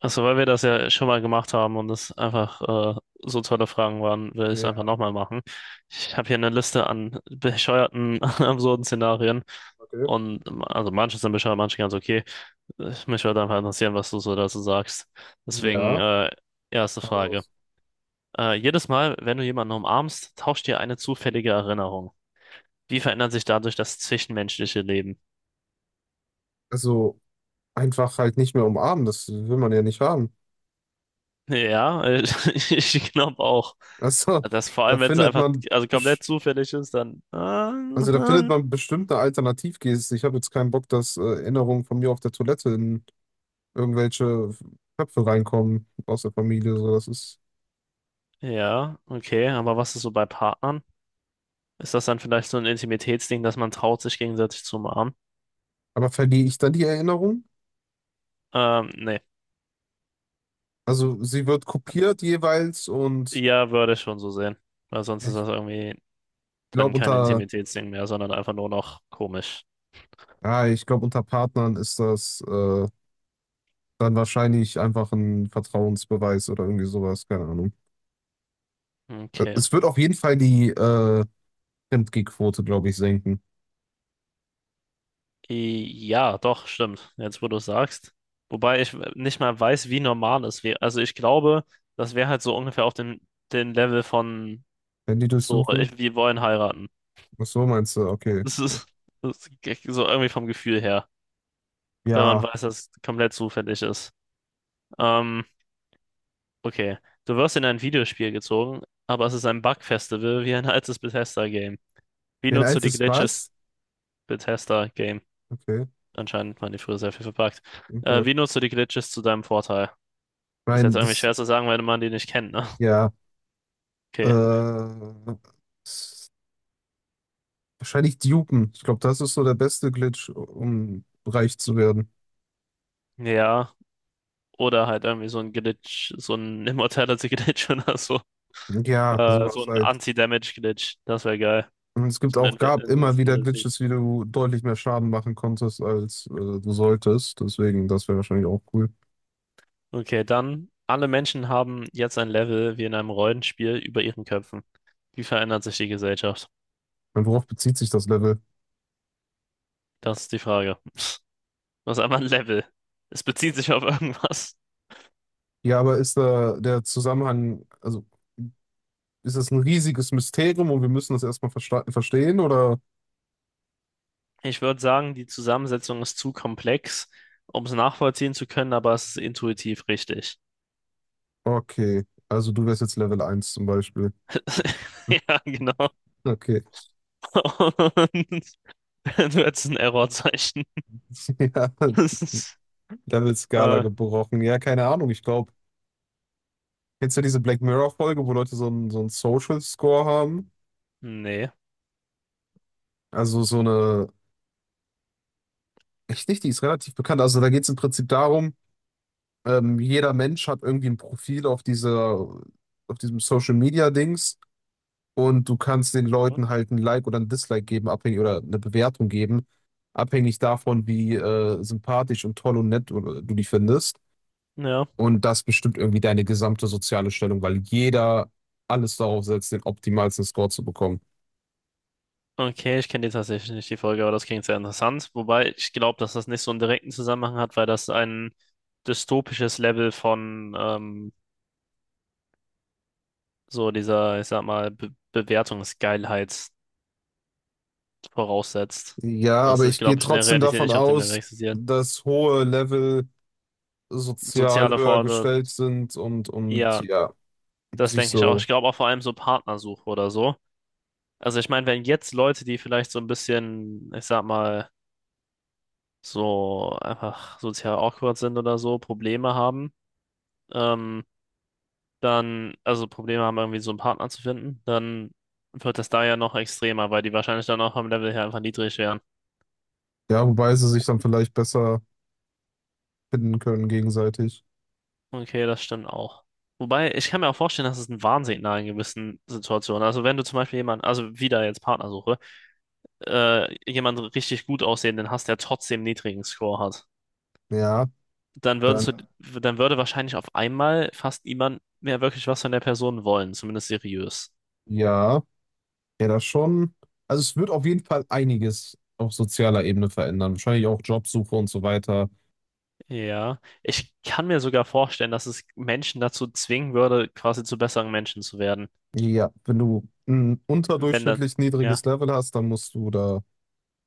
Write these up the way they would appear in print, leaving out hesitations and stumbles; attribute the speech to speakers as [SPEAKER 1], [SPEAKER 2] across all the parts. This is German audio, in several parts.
[SPEAKER 1] Also, weil wir das ja schon mal gemacht haben und es einfach so tolle Fragen waren, will ich es einfach
[SPEAKER 2] Ja,
[SPEAKER 1] nochmal machen. Ich habe hier eine Liste an bescheuerten, an absurden Szenarien.
[SPEAKER 2] okay.
[SPEAKER 1] Und also manche sind bescheuert, manche ganz okay. Mich würde einfach interessieren, was du so dazu sagst. Deswegen,
[SPEAKER 2] Ja,
[SPEAKER 1] erste
[SPEAKER 2] hau
[SPEAKER 1] Frage.
[SPEAKER 2] raus.
[SPEAKER 1] Jedes Mal, wenn du jemanden umarmst, tauscht dir eine zufällige Erinnerung. Wie verändert sich dadurch das zwischenmenschliche Leben?
[SPEAKER 2] Also einfach halt nicht mehr umarmen, das will man ja nicht haben.
[SPEAKER 1] Ja, ich glaube auch.
[SPEAKER 2] Also
[SPEAKER 1] Das vor
[SPEAKER 2] da
[SPEAKER 1] allem, wenn es
[SPEAKER 2] findet
[SPEAKER 1] einfach
[SPEAKER 2] man,
[SPEAKER 1] also komplett zufällig ist, dann.
[SPEAKER 2] also da findet man bestimmte eine. Ich habe jetzt keinen Bock, dass Erinnerungen von mir auf der Toilette in irgendwelche Köpfe reinkommen aus der Familie. So, das ist.
[SPEAKER 1] Ja, okay, aber was ist so bei Partnern? Ist das dann vielleicht so ein Intimitätsding, dass man traut, sich gegenseitig zu umarmen?
[SPEAKER 2] Aber verliere ich dann die Erinnerung?
[SPEAKER 1] Nee.
[SPEAKER 2] Also sie wird kopiert jeweils und
[SPEAKER 1] Ja, würde ich schon so sehen. Weil sonst ist
[SPEAKER 2] ich
[SPEAKER 1] das irgendwie dann
[SPEAKER 2] glaube
[SPEAKER 1] kein
[SPEAKER 2] unter,
[SPEAKER 1] Intimitätsding mehr, sondern einfach nur noch komisch.
[SPEAKER 2] ja, ich glaube, unter Partnern ist das. Dann wahrscheinlich einfach ein Vertrauensbeweis oder irgendwie sowas, keine Ahnung.
[SPEAKER 1] Okay.
[SPEAKER 2] Es wird auf jeden Fall die Fremdgehquote, glaube ich, senken.
[SPEAKER 1] Ja, doch, stimmt. Jetzt, wo du es sagst. Wobei ich nicht mal weiß, wie normal es wäre. Also ich glaube, das wäre halt so ungefähr auf dem Level von
[SPEAKER 2] Handy
[SPEAKER 1] so,
[SPEAKER 2] durchsuchen?
[SPEAKER 1] wir wollen heiraten.
[SPEAKER 2] Ach so, meinst du? Okay.
[SPEAKER 1] Das ist, das ist so irgendwie vom Gefühl her, wenn man
[SPEAKER 2] Ja.
[SPEAKER 1] weiß, dass es komplett zufällig ist. Ähm, okay. Du wirst in ein Videospiel gezogen, aber es ist ein Bug-Festival wie ein altes Bethesda-Game. Wie
[SPEAKER 2] Wen
[SPEAKER 1] nutzt du
[SPEAKER 2] alt
[SPEAKER 1] die
[SPEAKER 2] ist
[SPEAKER 1] Glitches
[SPEAKER 2] was?
[SPEAKER 1] Bethesda-Game?
[SPEAKER 2] Okay,
[SPEAKER 1] Anscheinend waren die früher sehr viel verpackt.
[SPEAKER 2] okay.
[SPEAKER 1] Wie nutzt du die Glitches zu deinem Vorteil? Ist jetzt
[SPEAKER 2] Nein,
[SPEAKER 1] irgendwie
[SPEAKER 2] das,
[SPEAKER 1] schwer zu sagen, weil man die nicht kennt, ne?
[SPEAKER 2] ja.
[SPEAKER 1] Okay.
[SPEAKER 2] Äh, s- wahrscheinlich dupen. Ich glaube, das ist so der beste Glitch, um reich zu werden.
[SPEAKER 1] Ja. Oder halt irgendwie so ein Glitch, so ein Immortality-Glitch oder so.
[SPEAKER 2] Ja,
[SPEAKER 1] So
[SPEAKER 2] sowas
[SPEAKER 1] ein
[SPEAKER 2] halt.
[SPEAKER 1] Anti-Damage-Glitch. Das wäre geil.
[SPEAKER 2] Und es gibt
[SPEAKER 1] So ein
[SPEAKER 2] auch, gab immer wieder
[SPEAKER 1] Invincibility.
[SPEAKER 2] Glitches, wie du deutlich mehr Schaden machen konntest, als du solltest. Deswegen, das wäre wahrscheinlich auch cool.
[SPEAKER 1] Okay, dann. Alle Menschen haben jetzt ein Level wie in einem Rollenspiel über ihren Köpfen. Wie verändert sich die Gesellschaft?
[SPEAKER 2] Und worauf bezieht sich das Level?
[SPEAKER 1] Das ist die Frage. Was ist einmal ein Level? Es bezieht sich auf irgendwas.
[SPEAKER 2] Ja, aber ist da der Zusammenhang, also ist das ein riesiges Mysterium und wir müssen das erstmal verstehen oder?
[SPEAKER 1] Ich würde sagen, die Zusammensetzung ist zu komplex, um es nachvollziehen zu können, aber es ist intuitiv richtig.
[SPEAKER 2] Okay, also du wärst jetzt Level 1 zum Beispiel.
[SPEAKER 1] Ja, genau.
[SPEAKER 2] Okay,
[SPEAKER 1] Und du hättest ein Errorzeichen.
[SPEAKER 2] ja,
[SPEAKER 1] Das ist,
[SPEAKER 2] Level-Skala
[SPEAKER 1] äh,
[SPEAKER 2] gebrochen. Ja, keine Ahnung, ich glaube, kennst du diese Black Mirror-Folge, wo Leute so einen Social Score haben?
[SPEAKER 1] nee.
[SPEAKER 2] Also so eine, echt nicht, die ist relativ bekannt. Also da geht es im Prinzip darum, jeder Mensch hat irgendwie ein Profil auf dieser, auf diesem Social Media Dings, und du kannst den Leuten halt ein Like oder ein Dislike geben, abhängig, oder eine Bewertung geben, abhängig davon, wie sympathisch und toll und nett du die findest.
[SPEAKER 1] Ja.
[SPEAKER 2] Und das bestimmt irgendwie deine gesamte soziale Stellung, weil jeder alles darauf setzt, den optimalsten Score zu bekommen.
[SPEAKER 1] Okay, ich kenne die tatsächlich nicht, die Folge, aber das klingt sehr interessant. Wobei ich glaube, dass das nicht so einen direkten Zusammenhang hat, weil das ein dystopisches Level von so dieser, ich sag mal, Be Bewertungsgeilheit voraussetzt.
[SPEAKER 2] Ja,
[SPEAKER 1] Das
[SPEAKER 2] aber
[SPEAKER 1] ist,
[SPEAKER 2] ich gehe
[SPEAKER 1] glaube ich, in der
[SPEAKER 2] trotzdem
[SPEAKER 1] Realität
[SPEAKER 2] davon
[SPEAKER 1] nicht auf dem Level
[SPEAKER 2] aus,
[SPEAKER 1] existiert.
[SPEAKER 2] dass hohe Level sozial
[SPEAKER 1] Soziale
[SPEAKER 2] höher
[SPEAKER 1] Forderungen,
[SPEAKER 2] gestellt sind und
[SPEAKER 1] ja,
[SPEAKER 2] ja,
[SPEAKER 1] das
[SPEAKER 2] sich
[SPEAKER 1] denke ich auch.
[SPEAKER 2] so.
[SPEAKER 1] Ich glaube auch vor allem so Partnersuche oder so. Also ich meine, wenn jetzt Leute, die vielleicht so ein bisschen, ich sag mal, so einfach sozial awkward sind oder so, Probleme haben, ähm, dann, also Probleme haben, irgendwie so einen Partner zu finden, dann wird das da ja noch extremer, weil die wahrscheinlich dann auch vom Level her einfach niedrig wären.
[SPEAKER 2] Ja, wobei sie sich dann vielleicht besser finden können gegenseitig.
[SPEAKER 1] Okay, das stimmt auch. Wobei, ich kann mir auch vorstellen, dass es ein Warnsignal in gewissen Situationen. Also wenn du zum Beispiel jemanden, also wieder jetzt Partnersuche, jemanden richtig gut aussehenden hast, der trotzdem niedrigen Score hat.
[SPEAKER 2] Ja,
[SPEAKER 1] dann würdest du,
[SPEAKER 2] dann
[SPEAKER 1] dann würde wahrscheinlich auf einmal fast niemand mehr wirklich was von der Person wollen, zumindest seriös.
[SPEAKER 2] ja. Ja, das schon. Also es wird auf jeden Fall einiges auf sozialer Ebene verändern. Wahrscheinlich auch Jobsuche und so weiter.
[SPEAKER 1] Ja, ich kann mir sogar vorstellen, dass es Menschen dazu zwingen würde, quasi zu besseren Menschen zu werden.
[SPEAKER 2] Ja, wenn du ein
[SPEAKER 1] Wenn dann,
[SPEAKER 2] unterdurchschnittlich
[SPEAKER 1] ja,
[SPEAKER 2] niedriges Level hast, dann musst du da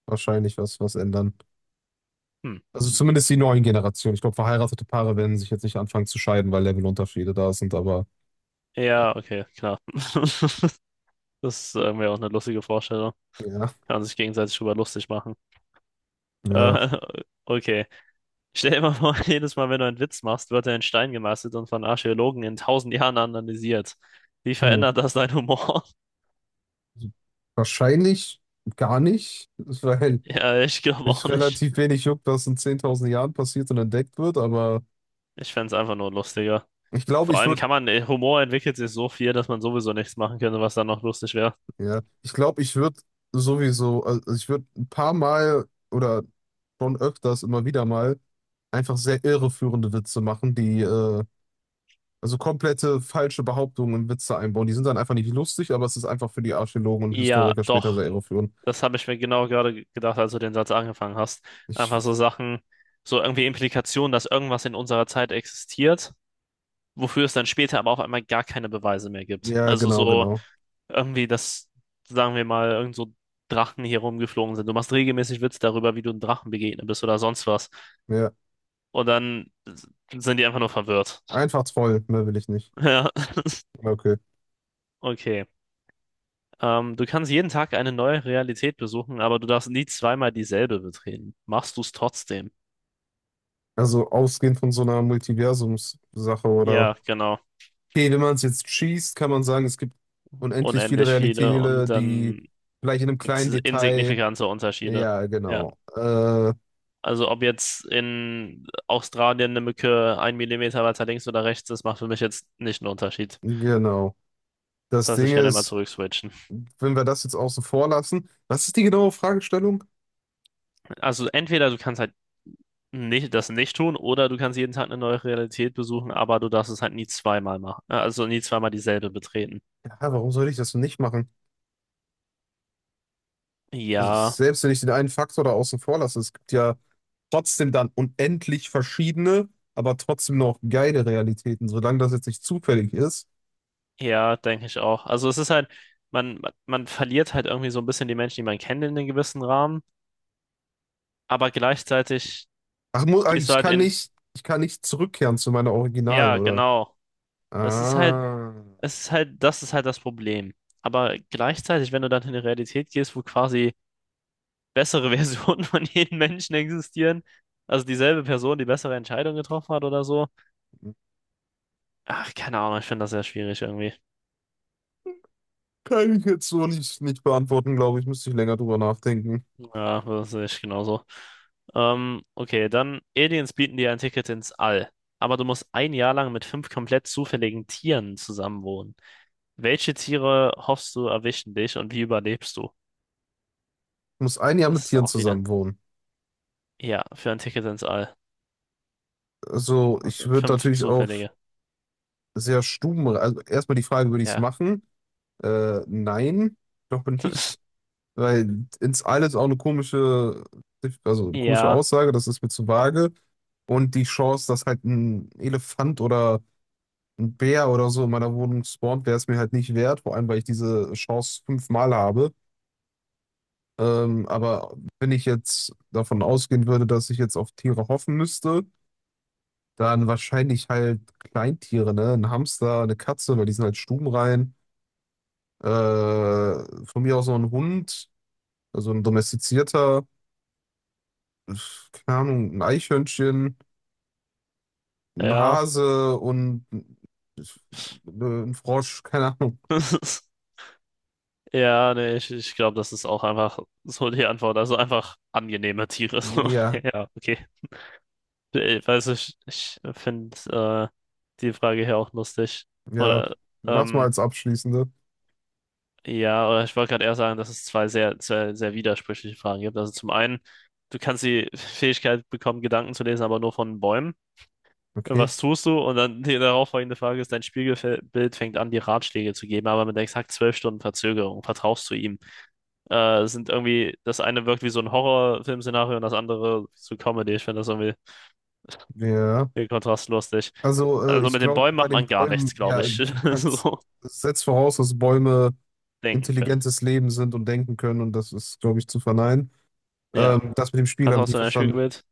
[SPEAKER 2] wahrscheinlich was ändern.
[SPEAKER 1] hm.
[SPEAKER 2] Also zumindest die neuen Generationen. Ich glaube, verheiratete Paare werden sich jetzt nicht anfangen zu scheiden, weil Levelunterschiede da sind, aber ja,
[SPEAKER 1] Ja, okay, klar. Das ist irgendwie auch eine lustige Vorstellung.
[SPEAKER 2] ja,
[SPEAKER 1] Kann man sich gegenseitig drüber lustig machen.
[SPEAKER 2] ja.
[SPEAKER 1] Äh, okay. Stell dir mal vor, jedes Mal, wenn du einen Witz machst, wird er in Stein gemeißelt und von Archäologen in 1.000 Jahren analysiert. Wie
[SPEAKER 2] Hm.
[SPEAKER 1] verändert das deinen Humor?
[SPEAKER 2] Also wahrscheinlich gar nicht, weil
[SPEAKER 1] Ja, ich glaube auch
[SPEAKER 2] mich
[SPEAKER 1] nicht.
[SPEAKER 2] relativ wenig juckt, was in 10.000 Jahren passiert und entdeckt wird, aber
[SPEAKER 1] Ich fände es einfach nur lustiger.
[SPEAKER 2] ich glaube,
[SPEAKER 1] Vor
[SPEAKER 2] ich
[SPEAKER 1] allem
[SPEAKER 2] würde,
[SPEAKER 1] kann man, Humor entwickelt sich so viel, dass man sowieso nichts machen könnte, was dann noch lustig wäre.
[SPEAKER 2] ja, ich glaube, ich würde sowieso, also ich würde ein paar Mal oder schon öfters immer wieder mal einfach sehr irreführende Witze machen, die, also komplette falsche Behauptungen in Witze einbauen. Die sind dann einfach nicht lustig, aber es ist einfach für die Archäologen und
[SPEAKER 1] Ja,
[SPEAKER 2] Historiker später
[SPEAKER 1] doch.
[SPEAKER 2] sehr irreführend.
[SPEAKER 1] Das habe ich mir genau gerade gedacht, als du den Satz angefangen hast.
[SPEAKER 2] Ich,
[SPEAKER 1] Einfach so Sachen, so irgendwie Implikationen, dass irgendwas in unserer Zeit existiert, wofür es dann später aber auf einmal gar keine Beweise mehr gibt.
[SPEAKER 2] ja,
[SPEAKER 1] Also
[SPEAKER 2] genau,
[SPEAKER 1] so
[SPEAKER 2] genau.
[SPEAKER 1] irgendwie, dass, sagen wir mal, irgend so Drachen hier rumgeflogen sind. Du machst regelmäßig Witze darüber, wie du einem Drachen begegnet bist oder sonst was.
[SPEAKER 2] Ja,
[SPEAKER 1] Und dann sind die einfach nur verwirrt.
[SPEAKER 2] einfach toll, mehr will ich nicht.
[SPEAKER 1] Ja,
[SPEAKER 2] Ja, okay.
[SPEAKER 1] okay. Du kannst jeden Tag eine neue Realität besuchen, aber du darfst nie zweimal dieselbe betreten. Machst du es trotzdem?
[SPEAKER 2] Also ausgehend von so einer Multiversumssache oder.
[SPEAKER 1] Ja, genau.
[SPEAKER 2] Okay, wenn man es jetzt schießt, kann man sagen, es gibt unendlich viele
[SPEAKER 1] Unendlich viele und
[SPEAKER 2] Realitäten, die
[SPEAKER 1] dann
[SPEAKER 2] vielleicht in einem
[SPEAKER 1] gibt es
[SPEAKER 2] kleinen Detail.
[SPEAKER 1] insignifikante Unterschiede.
[SPEAKER 2] Ja,
[SPEAKER 1] Ja,
[SPEAKER 2] genau.
[SPEAKER 1] also ob jetzt in Australien eine Mücke ein Millimeter weiter links oder rechts ist, macht für mich jetzt nicht einen Unterschied.
[SPEAKER 2] Genau.
[SPEAKER 1] Das
[SPEAKER 2] Das
[SPEAKER 1] heißt,
[SPEAKER 2] Ding
[SPEAKER 1] ich kann immer
[SPEAKER 2] ist,
[SPEAKER 1] zurückswitchen.
[SPEAKER 2] wenn wir das jetzt außen vor lassen, was ist die genaue Fragestellung?
[SPEAKER 1] Also entweder du kannst halt nicht, das nicht tun oder du kannst jeden Tag eine neue Realität besuchen, aber du darfst es halt nie zweimal machen. Also nie zweimal dieselbe betreten.
[SPEAKER 2] Ja, warum sollte ich das denn nicht machen? Also,
[SPEAKER 1] Ja,
[SPEAKER 2] selbst wenn ich den einen Faktor da außen vor lasse, es gibt ja trotzdem dann unendlich verschiedene, aber trotzdem noch geile Realitäten, solange das jetzt nicht zufällig ist.
[SPEAKER 1] ja, denke ich auch. Also es ist halt, man verliert halt irgendwie so ein bisschen die Menschen, die man kennt in einem gewissen Rahmen, aber gleichzeitig
[SPEAKER 2] Ach,
[SPEAKER 1] gehst du halt in,
[SPEAKER 2] ich kann nicht zurückkehren zu meiner Originalen,
[SPEAKER 1] ja,
[SPEAKER 2] oder?
[SPEAKER 1] genau. Das ist halt,
[SPEAKER 2] Ah,
[SPEAKER 1] es ist halt das Problem. Aber gleichzeitig, wenn du dann in die Realität gehst, wo quasi bessere Versionen von jedem Menschen existieren, also dieselbe Person, die bessere Entscheidung getroffen hat oder so, ach, keine Ahnung, ich finde das sehr schwierig irgendwie.
[SPEAKER 2] kann ich jetzt so nicht beantworten, glaube ich. Müsste ich länger drüber nachdenken.
[SPEAKER 1] Ja, das sehe ich genauso. Okay, dann Aliens bieten dir ein Ticket ins All, aber du musst ein Jahr lang mit fünf komplett zufälligen Tieren zusammenwohnen. Welche Tiere hoffst du erwischen dich und wie überlebst du?
[SPEAKER 2] Ich muss ein Jahr mit
[SPEAKER 1] Das ist
[SPEAKER 2] Tieren
[SPEAKER 1] auch wieder.
[SPEAKER 2] zusammen wohnen.
[SPEAKER 1] Ja, für ein Ticket ins All.
[SPEAKER 2] Also,
[SPEAKER 1] Das
[SPEAKER 2] ich
[SPEAKER 1] sind
[SPEAKER 2] würde
[SPEAKER 1] fünf
[SPEAKER 2] natürlich auf
[SPEAKER 1] zufällige.
[SPEAKER 2] also erstmal die Frage, würde ich es
[SPEAKER 1] Ja.
[SPEAKER 2] machen? Nein, ich glaube nicht. Weil ins All ist auch eine komische, also eine komische
[SPEAKER 1] Ja,
[SPEAKER 2] Aussage, das ist mir zu vage. Und die Chance, dass halt ein Elefant oder ein Bär oder so in meiner Wohnung spawnt, wäre es mir halt nicht wert. Vor allem, weil ich diese Chance fünfmal habe. Aber wenn ich jetzt davon ausgehen würde, dass ich jetzt auf Tiere hoffen müsste, dann wahrscheinlich halt Kleintiere, ne? Ein Hamster, eine Katze, weil die sind halt stubenrein. Äh, von mir aus noch ein Hund, also ein domestizierter, äh, keine Ahnung, ein Eichhörnchen, ein
[SPEAKER 1] ja.
[SPEAKER 2] Hase und äh, ein Frosch, keine Ahnung.
[SPEAKER 1] Ja, nee, ich glaube, das ist auch einfach so die Antwort. Also einfach angenehme Tiere. So.
[SPEAKER 2] Ja,
[SPEAKER 1] Ja, okay. Ich weiß nicht, ich finde äh, die Frage hier auch lustig.
[SPEAKER 2] ja,
[SPEAKER 1] Oder,
[SPEAKER 2] mach's mal
[SPEAKER 1] ähm,
[SPEAKER 2] als abschließende.
[SPEAKER 1] ja, oder ich wollte gerade eher sagen, dass es zwei sehr, sehr, sehr widersprüchliche Fragen gibt. Also zum einen, du kannst die Fähigkeit bekommen, Gedanken zu lesen, aber nur von Bäumen.
[SPEAKER 2] Okay.
[SPEAKER 1] Was tust du? Und dann die darauffolgende Frage ist, dein Spiegelbild fängt an, dir Ratschläge zu geben, aber mit exakt 12 Stunden Verzögerung vertraust du ihm. Sind irgendwie, das eine wirkt wie so ein Horrorfilmszenario und das andere so Comedy. Ich finde das irgendwie
[SPEAKER 2] Ja.
[SPEAKER 1] den Kontrast lustig.
[SPEAKER 2] Also,
[SPEAKER 1] Also
[SPEAKER 2] ich
[SPEAKER 1] mit den
[SPEAKER 2] glaube,
[SPEAKER 1] Bäumen
[SPEAKER 2] bei
[SPEAKER 1] macht
[SPEAKER 2] den
[SPEAKER 1] man gar
[SPEAKER 2] Bäumen,
[SPEAKER 1] nichts, glaube
[SPEAKER 2] ja,
[SPEAKER 1] ich.
[SPEAKER 2] du kannst,
[SPEAKER 1] So
[SPEAKER 2] das setzt voraus, dass Bäume
[SPEAKER 1] denken können.
[SPEAKER 2] intelligentes Leben sind und denken können, und das ist, glaube ich, zu verneinen.
[SPEAKER 1] Ja.
[SPEAKER 2] Das mit dem Spiegel habe ich
[SPEAKER 1] Vertraust
[SPEAKER 2] nicht
[SPEAKER 1] du dein
[SPEAKER 2] verstanden. Ich
[SPEAKER 1] Spiegelbild?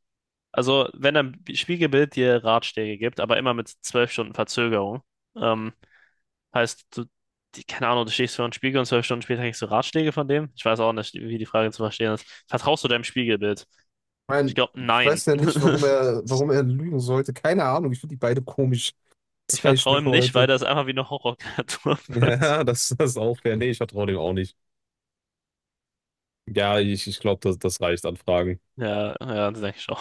[SPEAKER 1] Also, wenn dein Spiegelbild dir Ratschläge gibt, aber immer mit 12 Stunden Verzögerung, ähm, heißt, du, die, keine Ahnung, du stehst vor einem Spiegel und 12 Stunden später kriegst du Ratschläge von dem? Ich weiß auch nicht, wie die Frage zu verstehen ist. Vertraust du deinem Spiegelbild? Ich
[SPEAKER 2] mein,
[SPEAKER 1] glaube,
[SPEAKER 2] ich
[SPEAKER 1] nein.
[SPEAKER 2] weiß ja nicht, warum er lügen sollte. Keine Ahnung, ich finde die beide komisch.
[SPEAKER 1] Ich
[SPEAKER 2] Zeichen
[SPEAKER 1] vertraue ihm
[SPEAKER 2] für
[SPEAKER 1] nicht, weil
[SPEAKER 2] heute.
[SPEAKER 1] das einfach wie eine Horrorkreatur wird.
[SPEAKER 2] Ja, das, das ist auch fair. Nee, ich vertraue dem auch nicht. Ja, ich glaube, das, das reicht an Fragen.
[SPEAKER 1] Ja, ja, das denke ich schon.